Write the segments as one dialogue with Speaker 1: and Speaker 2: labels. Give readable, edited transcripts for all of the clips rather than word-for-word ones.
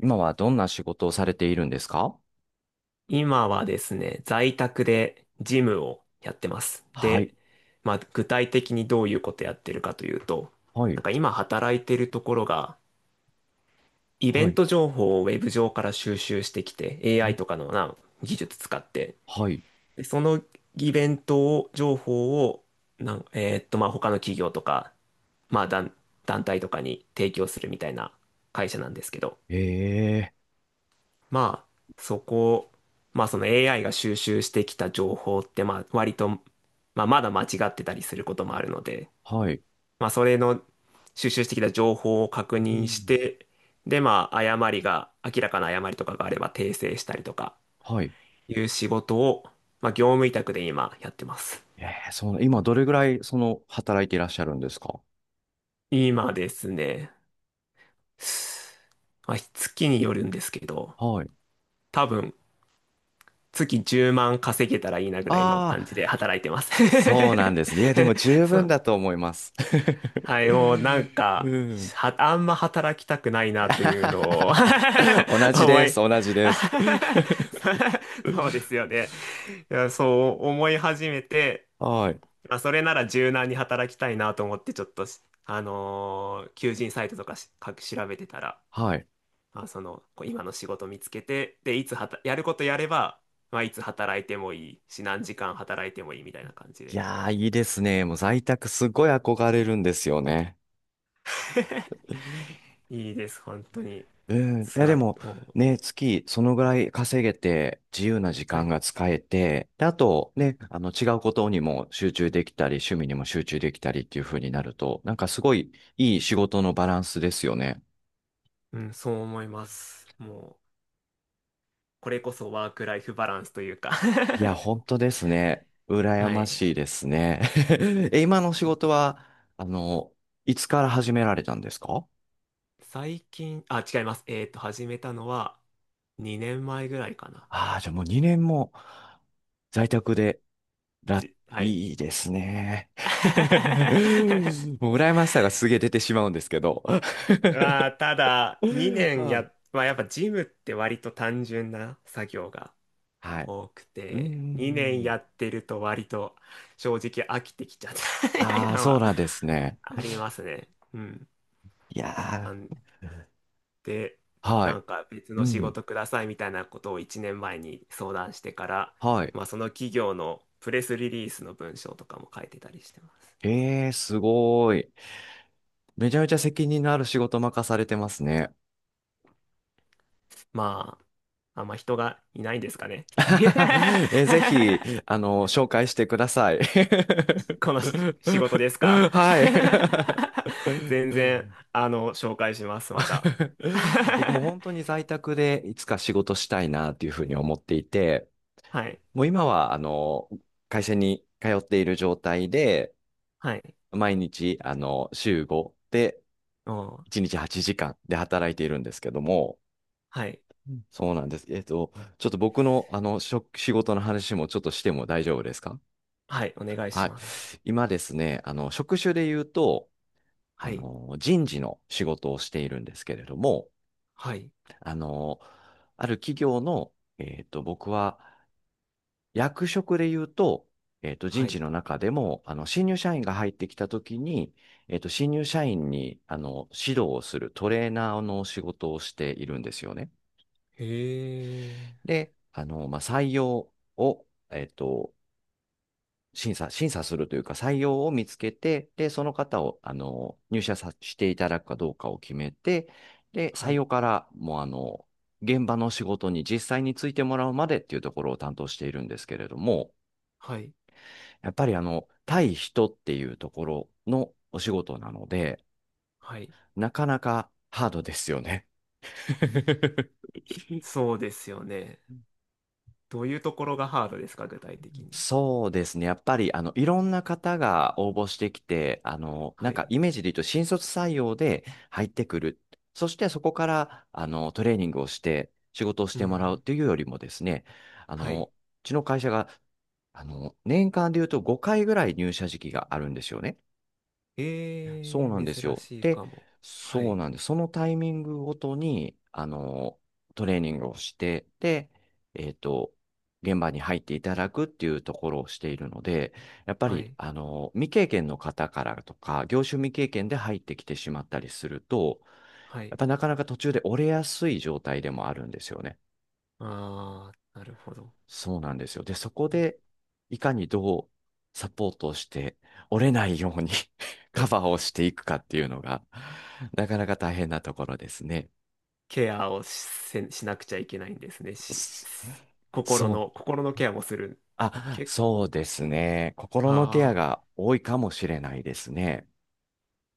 Speaker 1: 今はどんな仕事をされているんですか？
Speaker 2: 今はですね、在宅でジムをやってます。
Speaker 1: はい、
Speaker 2: で、まあ、具体的にどういうことやってるかというと、
Speaker 1: は
Speaker 2: な
Speaker 1: い、
Speaker 2: んか今働いてるところが、イベ
Speaker 1: はい、
Speaker 2: ン
Speaker 1: ん
Speaker 2: ト情報をウェブ上から収集してきて、AI とかのな、技術使って、
Speaker 1: はい、
Speaker 2: で、そのイベントを、情報を、なん、えーっと、まあ、他の企業とか、まあ、団、団体とかに提供するみたいな会社なんですけど、
Speaker 1: ええ、
Speaker 2: まあ、そこ、まあその AI が収集してきた情報って、まあ割と、まあまだ間違ってたりすることもあるので、
Speaker 1: はい、
Speaker 2: まあそれの収集してきた情報を確
Speaker 1: う
Speaker 2: 認し
Speaker 1: ん、
Speaker 2: て、でまあ誤りが、明らかな誤りとかがあれば訂正したりとか
Speaker 1: はい。
Speaker 2: いう仕事を、まあ業務委託で今やってます。
Speaker 1: ええ、その、今どれぐらい、その、働いていらっしゃるんですか？
Speaker 2: 今ですね、まあ月によるんですけど、
Speaker 1: はい。
Speaker 2: 多分月10万稼げたらいいなぐらいの
Speaker 1: あ
Speaker 2: 感じで
Speaker 1: あ、
Speaker 2: 働いてます。
Speaker 1: そうなんですね。いや、でも 十
Speaker 2: そ
Speaker 1: 分
Speaker 2: う、
Speaker 1: だと思います。
Speaker 2: はい、もうなん か、
Speaker 1: うん。
Speaker 2: あんま働きたくないなというのを
Speaker 1: 同 じ
Speaker 2: 思
Speaker 1: です、
Speaker 2: い
Speaker 1: 同じです。
Speaker 2: そそうですよ ね。いや、そう思い始めて、
Speaker 1: はい、
Speaker 2: まあ、それなら柔軟に働きたいなと思って、ちょっとし、あのー求人サイトとかか調べてたら、
Speaker 1: はい。
Speaker 2: まあ、その、こう今の仕事見つけて、で、いつはた、やることやれば、まあ、いつ働いてもいいし、何時間働いてもいいみたいな感じ
Speaker 1: い
Speaker 2: で。
Speaker 1: やー、いいですね。もう在宅すごい憧れるんですよね。
Speaker 2: いいです、本当に。
Speaker 1: うん。いや、でも、
Speaker 2: も
Speaker 1: ね、
Speaker 2: う、
Speaker 1: 月、そのぐらい稼げて、自由な時
Speaker 2: は
Speaker 1: 間
Speaker 2: い。
Speaker 1: が使えて、で、あと、
Speaker 2: はい、
Speaker 1: ね、違うことにも集中できたり、趣味にも集中できたりっていう風になると、なんかすごいいい仕事のバランスですよね。
Speaker 2: うん、そう思います。もう、これこそワークライフバランスというか
Speaker 1: いや、本当ですね。羨
Speaker 2: は
Speaker 1: ま
Speaker 2: い。
Speaker 1: しいですね。え、今の仕事は、あの、いつから始められたんですか？
Speaker 2: 最近、あ、違います。えっと、始めたのは2年前ぐらいかな。
Speaker 1: ああ、じゃあもう2年も在宅で、ら、
Speaker 2: じ、はい。
Speaker 1: いいですね。もう羨ましさがすげえ出てしまうんですけど。
Speaker 2: まあ、ただ、
Speaker 1: は
Speaker 2: 2年
Speaker 1: い。
Speaker 2: や、まあ、やっぱジムって割と単純な作業が
Speaker 1: はい。
Speaker 2: 多く
Speaker 1: うん、うん
Speaker 2: て、2
Speaker 1: う
Speaker 2: 年や
Speaker 1: ん。
Speaker 2: ってると割と正直飽きてきちゃった みたい
Speaker 1: あ
Speaker 2: な
Speaker 1: あ、
Speaker 2: の
Speaker 1: そう
Speaker 2: は
Speaker 1: なんですね。
Speaker 2: ありますね。うん。
Speaker 1: いや
Speaker 2: なんで、
Speaker 1: ー、は
Speaker 2: な
Speaker 1: い。
Speaker 2: んか別
Speaker 1: う
Speaker 2: の仕
Speaker 1: ん。
Speaker 2: 事くださいみたいなことを1年前に相談してから、
Speaker 1: はい。
Speaker 2: まあ、その企業のプレスリリースの文章とかも書いてたりしてます、今。
Speaker 1: ええすごい。めちゃめちゃ責任のある仕事任されてますね。
Speaker 2: まあ、あんま人がいないんですかね。いや、
Speaker 1: え、ぜひ、紹介してください。
Speaker 2: こ のし仕事ですか？
Speaker 1: はい。
Speaker 2: 全然、あの、紹介します、また。
Speaker 1: 僕も 本当に在宅でいつか仕事したいなっていうふうに思っていて、
Speaker 2: はい、
Speaker 1: もう今は、会社に通っている状態で、
Speaker 2: はい、
Speaker 1: 毎日、週5で
Speaker 2: お、う、
Speaker 1: 1日8時間で働いているんですけども、
Speaker 2: はい、
Speaker 1: うんそうなんです。ちょっと僕の、職仕事の話もちょっとしても大丈夫ですか？
Speaker 2: はい、お願いし
Speaker 1: はい。
Speaker 2: ます。
Speaker 1: 今ですね、職種で言うと、
Speaker 2: はい、
Speaker 1: 人事の仕事をしているんですけれども、
Speaker 2: はい、
Speaker 1: あの、ある企業の、僕は役職で言うと、人
Speaker 2: は
Speaker 1: 事
Speaker 2: い。
Speaker 1: の中でも、新入社員が入ってきたときに、新入社員に、指導をするトレーナーの仕事をしているんですよね。
Speaker 2: へえ、
Speaker 1: で、まあ、採用を、審査するというか、採用を見つけて、で、その方を、入社さしていただくかどうかを決めて、で、
Speaker 2: は
Speaker 1: 採
Speaker 2: い。
Speaker 1: 用から、もう、現場の仕事に実際についてもらうまでっていうところを担当しているんですけれども、
Speaker 2: はい。
Speaker 1: やっぱり、対人っていうところのお仕事なので、
Speaker 2: はい。
Speaker 1: なかなかハードですよね。
Speaker 2: そうですよね。どういうところがハードですか、具体的に。
Speaker 1: そうですね。やっぱり、いろんな方が応募してきて、な
Speaker 2: は
Speaker 1: んか
Speaker 2: い。
Speaker 1: イメージで言うと新卒採用で入ってくる。そしてそこから、トレーニングをして仕事をし
Speaker 2: う
Speaker 1: てもらうっ
Speaker 2: ん。
Speaker 1: ていうよりもですね、
Speaker 2: はい。
Speaker 1: うちの会社が、年間で言うと5回ぐらい入社時期があるんですよね。そう
Speaker 2: え
Speaker 1: なんで
Speaker 2: ー、
Speaker 1: す
Speaker 2: 珍
Speaker 1: よ。
Speaker 2: しい
Speaker 1: で、
Speaker 2: かも。は
Speaker 1: そう
Speaker 2: い。
Speaker 1: なんです。そのタイミングごとに、トレーニングをして、で、えっと、現場に入っていただくっていうところをしているので、やっぱ
Speaker 2: は
Speaker 1: り、
Speaker 2: い。
Speaker 1: 未経験の方からとか、業種未経験で入ってきてしまったりすると、
Speaker 2: は
Speaker 1: や
Speaker 2: い。
Speaker 1: っぱなかなか途中で折れやすい状態でもあるんですよね。
Speaker 2: あー、なるほど。
Speaker 1: そうなんですよ。で、そこ
Speaker 2: うん、
Speaker 1: で、いかにどうサポートをして、折れないように カバーをしていくかっていうのが、なかなか大変なところですね。
Speaker 2: ケアをしなくちゃいけないんですね。
Speaker 1: そ
Speaker 2: 心
Speaker 1: そう。
Speaker 2: の、心のケアもする。
Speaker 1: あ、
Speaker 2: け、
Speaker 1: そうですね。
Speaker 2: は
Speaker 1: 心のケア
Speaker 2: あ、
Speaker 1: が多いかもしれないですね。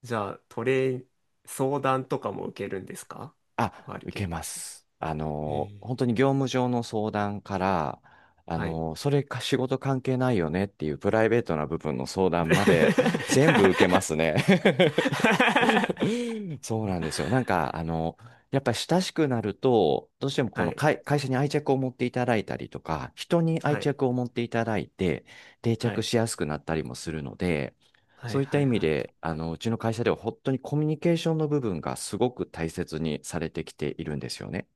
Speaker 2: じゃあ、トレー、相談とかも受けるんですか？
Speaker 1: あ、
Speaker 2: 割り
Speaker 1: 受け
Speaker 2: 結
Speaker 1: ま
Speaker 2: 構。
Speaker 1: す。
Speaker 2: えー、
Speaker 1: 本当に業務上の相談から、
Speaker 2: はい。
Speaker 1: それか仕事関係ないよねっていうプライベートな部分の 相談まで全部受けますね。そうなんですよ。なんか、やっぱり親しくなると、どうしてもこ
Speaker 2: は
Speaker 1: の
Speaker 2: い。
Speaker 1: 会、会社に愛着を持っていただいたりとか、人に愛
Speaker 2: はい。
Speaker 1: 着を持っていただいて、定
Speaker 2: は
Speaker 1: 着
Speaker 2: い。
Speaker 1: しやすくなったりもするので、
Speaker 2: は
Speaker 1: そ
Speaker 2: い、
Speaker 1: ういった
Speaker 2: は
Speaker 1: 意
Speaker 2: い、
Speaker 1: 味
Speaker 2: はい。
Speaker 1: で、うちの会社では本当にコミュニケーションの部分がすごく大切にされてきているんですよね。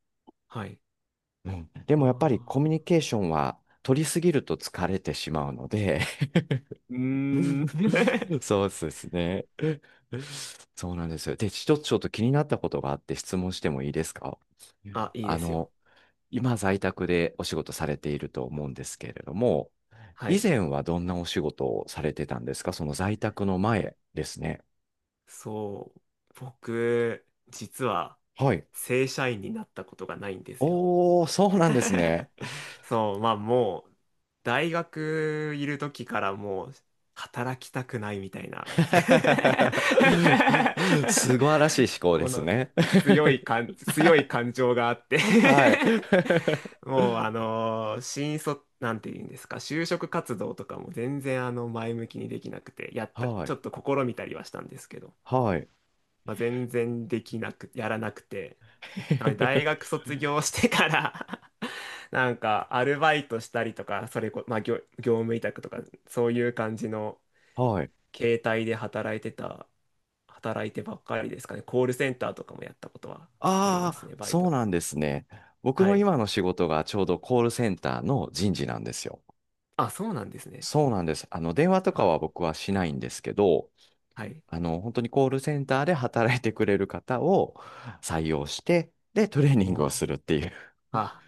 Speaker 2: はい。
Speaker 1: うん、で
Speaker 2: あ
Speaker 1: もやっぱりコミュ
Speaker 2: ー、
Speaker 1: ニケーションは取りすぎると疲れてしまうので
Speaker 2: うーん。
Speaker 1: そうですね。そうなんですよ。で、一つちょっと気になったことがあって質問してもいいですか？
Speaker 2: あ、いいで
Speaker 1: あ
Speaker 2: すよ。
Speaker 1: の、今在宅でお仕事されていると思うんですけれども、
Speaker 2: は
Speaker 1: 以
Speaker 2: い。
Speaker 1: 前はどんなお仕事をされてたんですか？その在宅の前ですね。
Speaker 2: そう。僕、実は、
Speaker 1: はい。
Speaker 2: 正社員になったことがないんですよ。
Speaker 1: おー、そうなんですね。
Speaker 2: そう、まあもう、大学いる時からもう、働きたくないみたいな。
Speaker 1: 素晴らしい思考で
Speaker 2: こ
Speaker 1: す
Speaker 2: の
Speaker 1: ね。
Speaker 2: 強い 感情があって、
Speaker 1: はい。
Speaker 2: もうあのー新卒なんて言うんですか、就職活動とかも全然あの前向きにできなくて、やっ た
Speaker 1: は
Speaker 2: ちょ
Speaker 1: い。
Speaker 2: っと試みたりはしたんですけど、
Speaker 1: はい。
Speaker 2: まあ、全然できなくやらなくて、なので大学 卒業してから なんかアルバイトしたりとか、それこ、まあ、業務委託とかそういう感じの
Speaker 1: はい。
Speaker 2: 携帯で働いてばっかりですかね。コールセンターとかもやったことはありま
Speaker 1: あ
Speaker 2: す
Speaker 1: あ、
Speaker 2: ね、バイト
Speaker 1: そう
Speaker 2: で。
Speaker 1: なんですね。僕
Speaker 2: は
Speaker 1: の
Speaker 2: い、
Speaker 1: 今の仕事がちょうどコールセンターの人事なんですよ。
Speaker 2: あ、そうなんですね。
Speaker 1: そうなんです。電話とかは
Speaker 2: あ、
Speaker 1: 僕はしないんですけど、
Speaker 2: はい。
Speaker 1: 本当にコールセンターで働いてくれる方を採用して、で、トレーニングを
Speaker 2: お、
Speaker 1: するっていう。
Speaker 2: あ、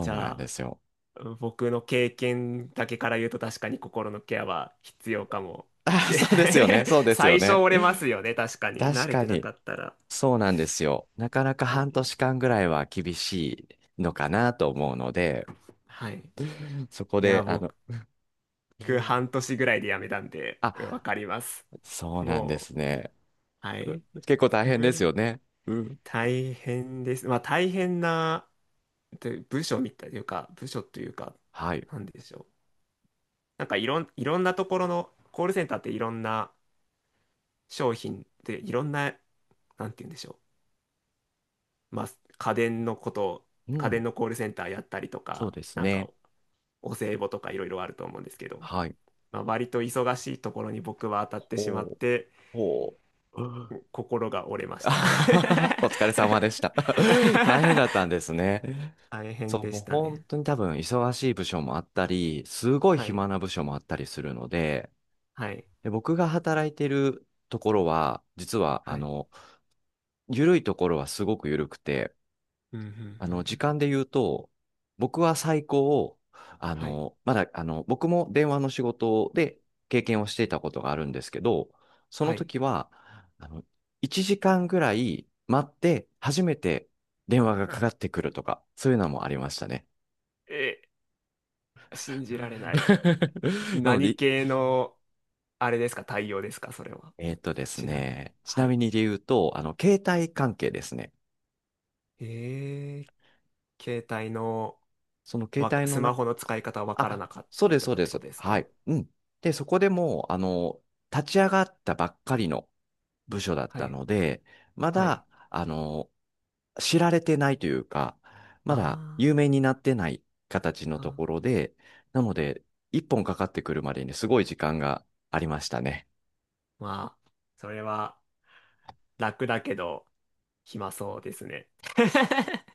Speaker 2: じ
Speaker 1: うな
Speaker 2: ゃ
Speaker 1: んで
Speaker 2: あ、
Speaker 1: すよ。
Speaker 2: うん、僕の経験だけから言うと確かに心のケアは必要かもし
Speaker 1: あ
Speaker 2: れな
Speaker 1: そうですよね。
Speaker 2: い。
Speaker 1: そう ですよ
Speaker 2: 最初
Speaker 1: ね。
Speaker 2: 折れますよね、確かに。慣
Speaker 1: 確
Speaker 2: れ
Speaker 1: か
Speaker 2: てな
Speaker 1: に。
Speaker 2: かったら。
Speaker 1: そうなんですよ。なかなか
Speaker 2: う
Speaker 1: 半
Speaker 2: ん、
Speaker 1: 年間ぐらいは厳しいのかなと思うので、
Speaker 2: はい。い
Speaker 1: そこ
Speaker 2: や、
Speaker 1: で、
Speaker 2: 僕、半年ぐらいで辞めたんで、うんわ
Speaker 1: あ、
Speaker 2: かります。
Speaker 1: そうなんで
Speaker 2: も
Speaker 1: す
Speaker 2: う、
Speaker 1: ね。
Speaker 2: は
Speaker 1: う
Speaker 2: い。
Speaker 1: ん結構大変
Speaker 2: 無
Speaker 1: ですよ
Speaker 2: 理。
Speaker 1: ね。うん。
Speaker 2: 大変です。まあ、大変な、で部署みたいというか、部署というか、
Speaker 1: はい。
Speaker 2: なんでしょう。いろんなところの、コールセンターっていろんな商品でいろんな、なんて言うんでしょう。まあ、家電のこと
Speaker 1: う
Speaker 2: 家電
Speaker 1: ん。
Speaker 2: のコールセンターやったりと
Speaker 1: そう
Speaker 2: か、
Speaker 1: です
Speaker 2: なんか
Speaker 1: ね。
Speaker 2: お歳暮とかいろいろあると思うんですけど、
Speaker 1: はい。
Speaker 2: まあ、割と忙しいところに僕は当たってしまっ
Speaker 1: ほう。
Speaker 2: て、
Speaker 1: ほう。うん
Speaker 2: 心が折れまし
Speaker 1: あ
Speaker 2: た。
Speaker 1: ははお疲れ様でした。大変だったんで すね。
Speaker 2: 大
Speaker 1: そ
Speaker 2: 変
Speaker 1: う、
Speaker 2: で
Speaker 1: もう
Speaker 2: した
Speaker 1: 本
Speaker 2: ね。
Speaker 1: 当に多分忙しい部署もあったり、すごい
Speaker 2: はい。
Speaker 1: 暇な部署もあったりするので、
Speaker 2: はい。
Speaker 1: で、僕が働いてるところは、実は、
Speaker 2: はい。
Speaker 1: 緩いところはすごく緩くて、
Speaker 2: うん、うん、う
Speaker 1: 時
Speaker 2: ん。
Speaker 1: 間で言うと、僕は最高、
Speaker 2: はい。
Speaker 1: まだ、僕も電話の仕事で経験をしていたことがあるんですけど、その
Speaker 2: はい。
Speaker 1: 時は、あの、1時間ぐらい待って、初めて電話がかかってくるとか、そういうのもありましたね。
Speaker 2: え、信じられない。
Speaker 1: なの
Speaker 2: 何
Speaker 1: で、
Speaker 2: 系の、あれですか、対応ですか、それは。
Speaker 1: です
Speaker 2: ちなみに。
Speaker 1: ね、ちな
Speaker 2: は
Speaker 1: み
Speaker 2: い。
Speaker 1: にで言うと、携帯関係ですね。
Speaker 2: ええ、携帯の
Speaker 1: その携
Speaker 2: わ
Speaker 1: 帯
Speaker 2: ス
Speaker 1: の
Speaker 2: マ
Speaker 1: 中、
Speaker 2: ホの使い方わから
Speaker 1: あ、
Speaker 2: なかっ
Speaker 1: そう
Speaker 2: たり
Speaker 1: です、
Speaker 2: と
Speaker 1: そう
Speaker 2: かっ
Speaker 1: で
Speaker 2: てこ
Speaker 1: す。
Speaker 2: とです
Speaker 1: は
Speaker 2: か？
Speaker 1: い。うん。で、そこでもう、立ち上がったばっかりの部署だっ
Speaker 2: は
Speaker 1: た
Speaker 2: い、
Speaker 1: ので、ま
Speaker 2: はい。
Speaker 1: だ、知られてないというか、まだ
Speaker 2: あ
Speaker 1: 有名になってない形の
Speaker 2: ー、あ
Speaker 1: と
Speaker 2: ー、
Speaker 1: ころで、なので、一本かかってくるまでにすごい時間がありましたね。
Speaker 2: まあ、それは楽だけど、暇そうですね。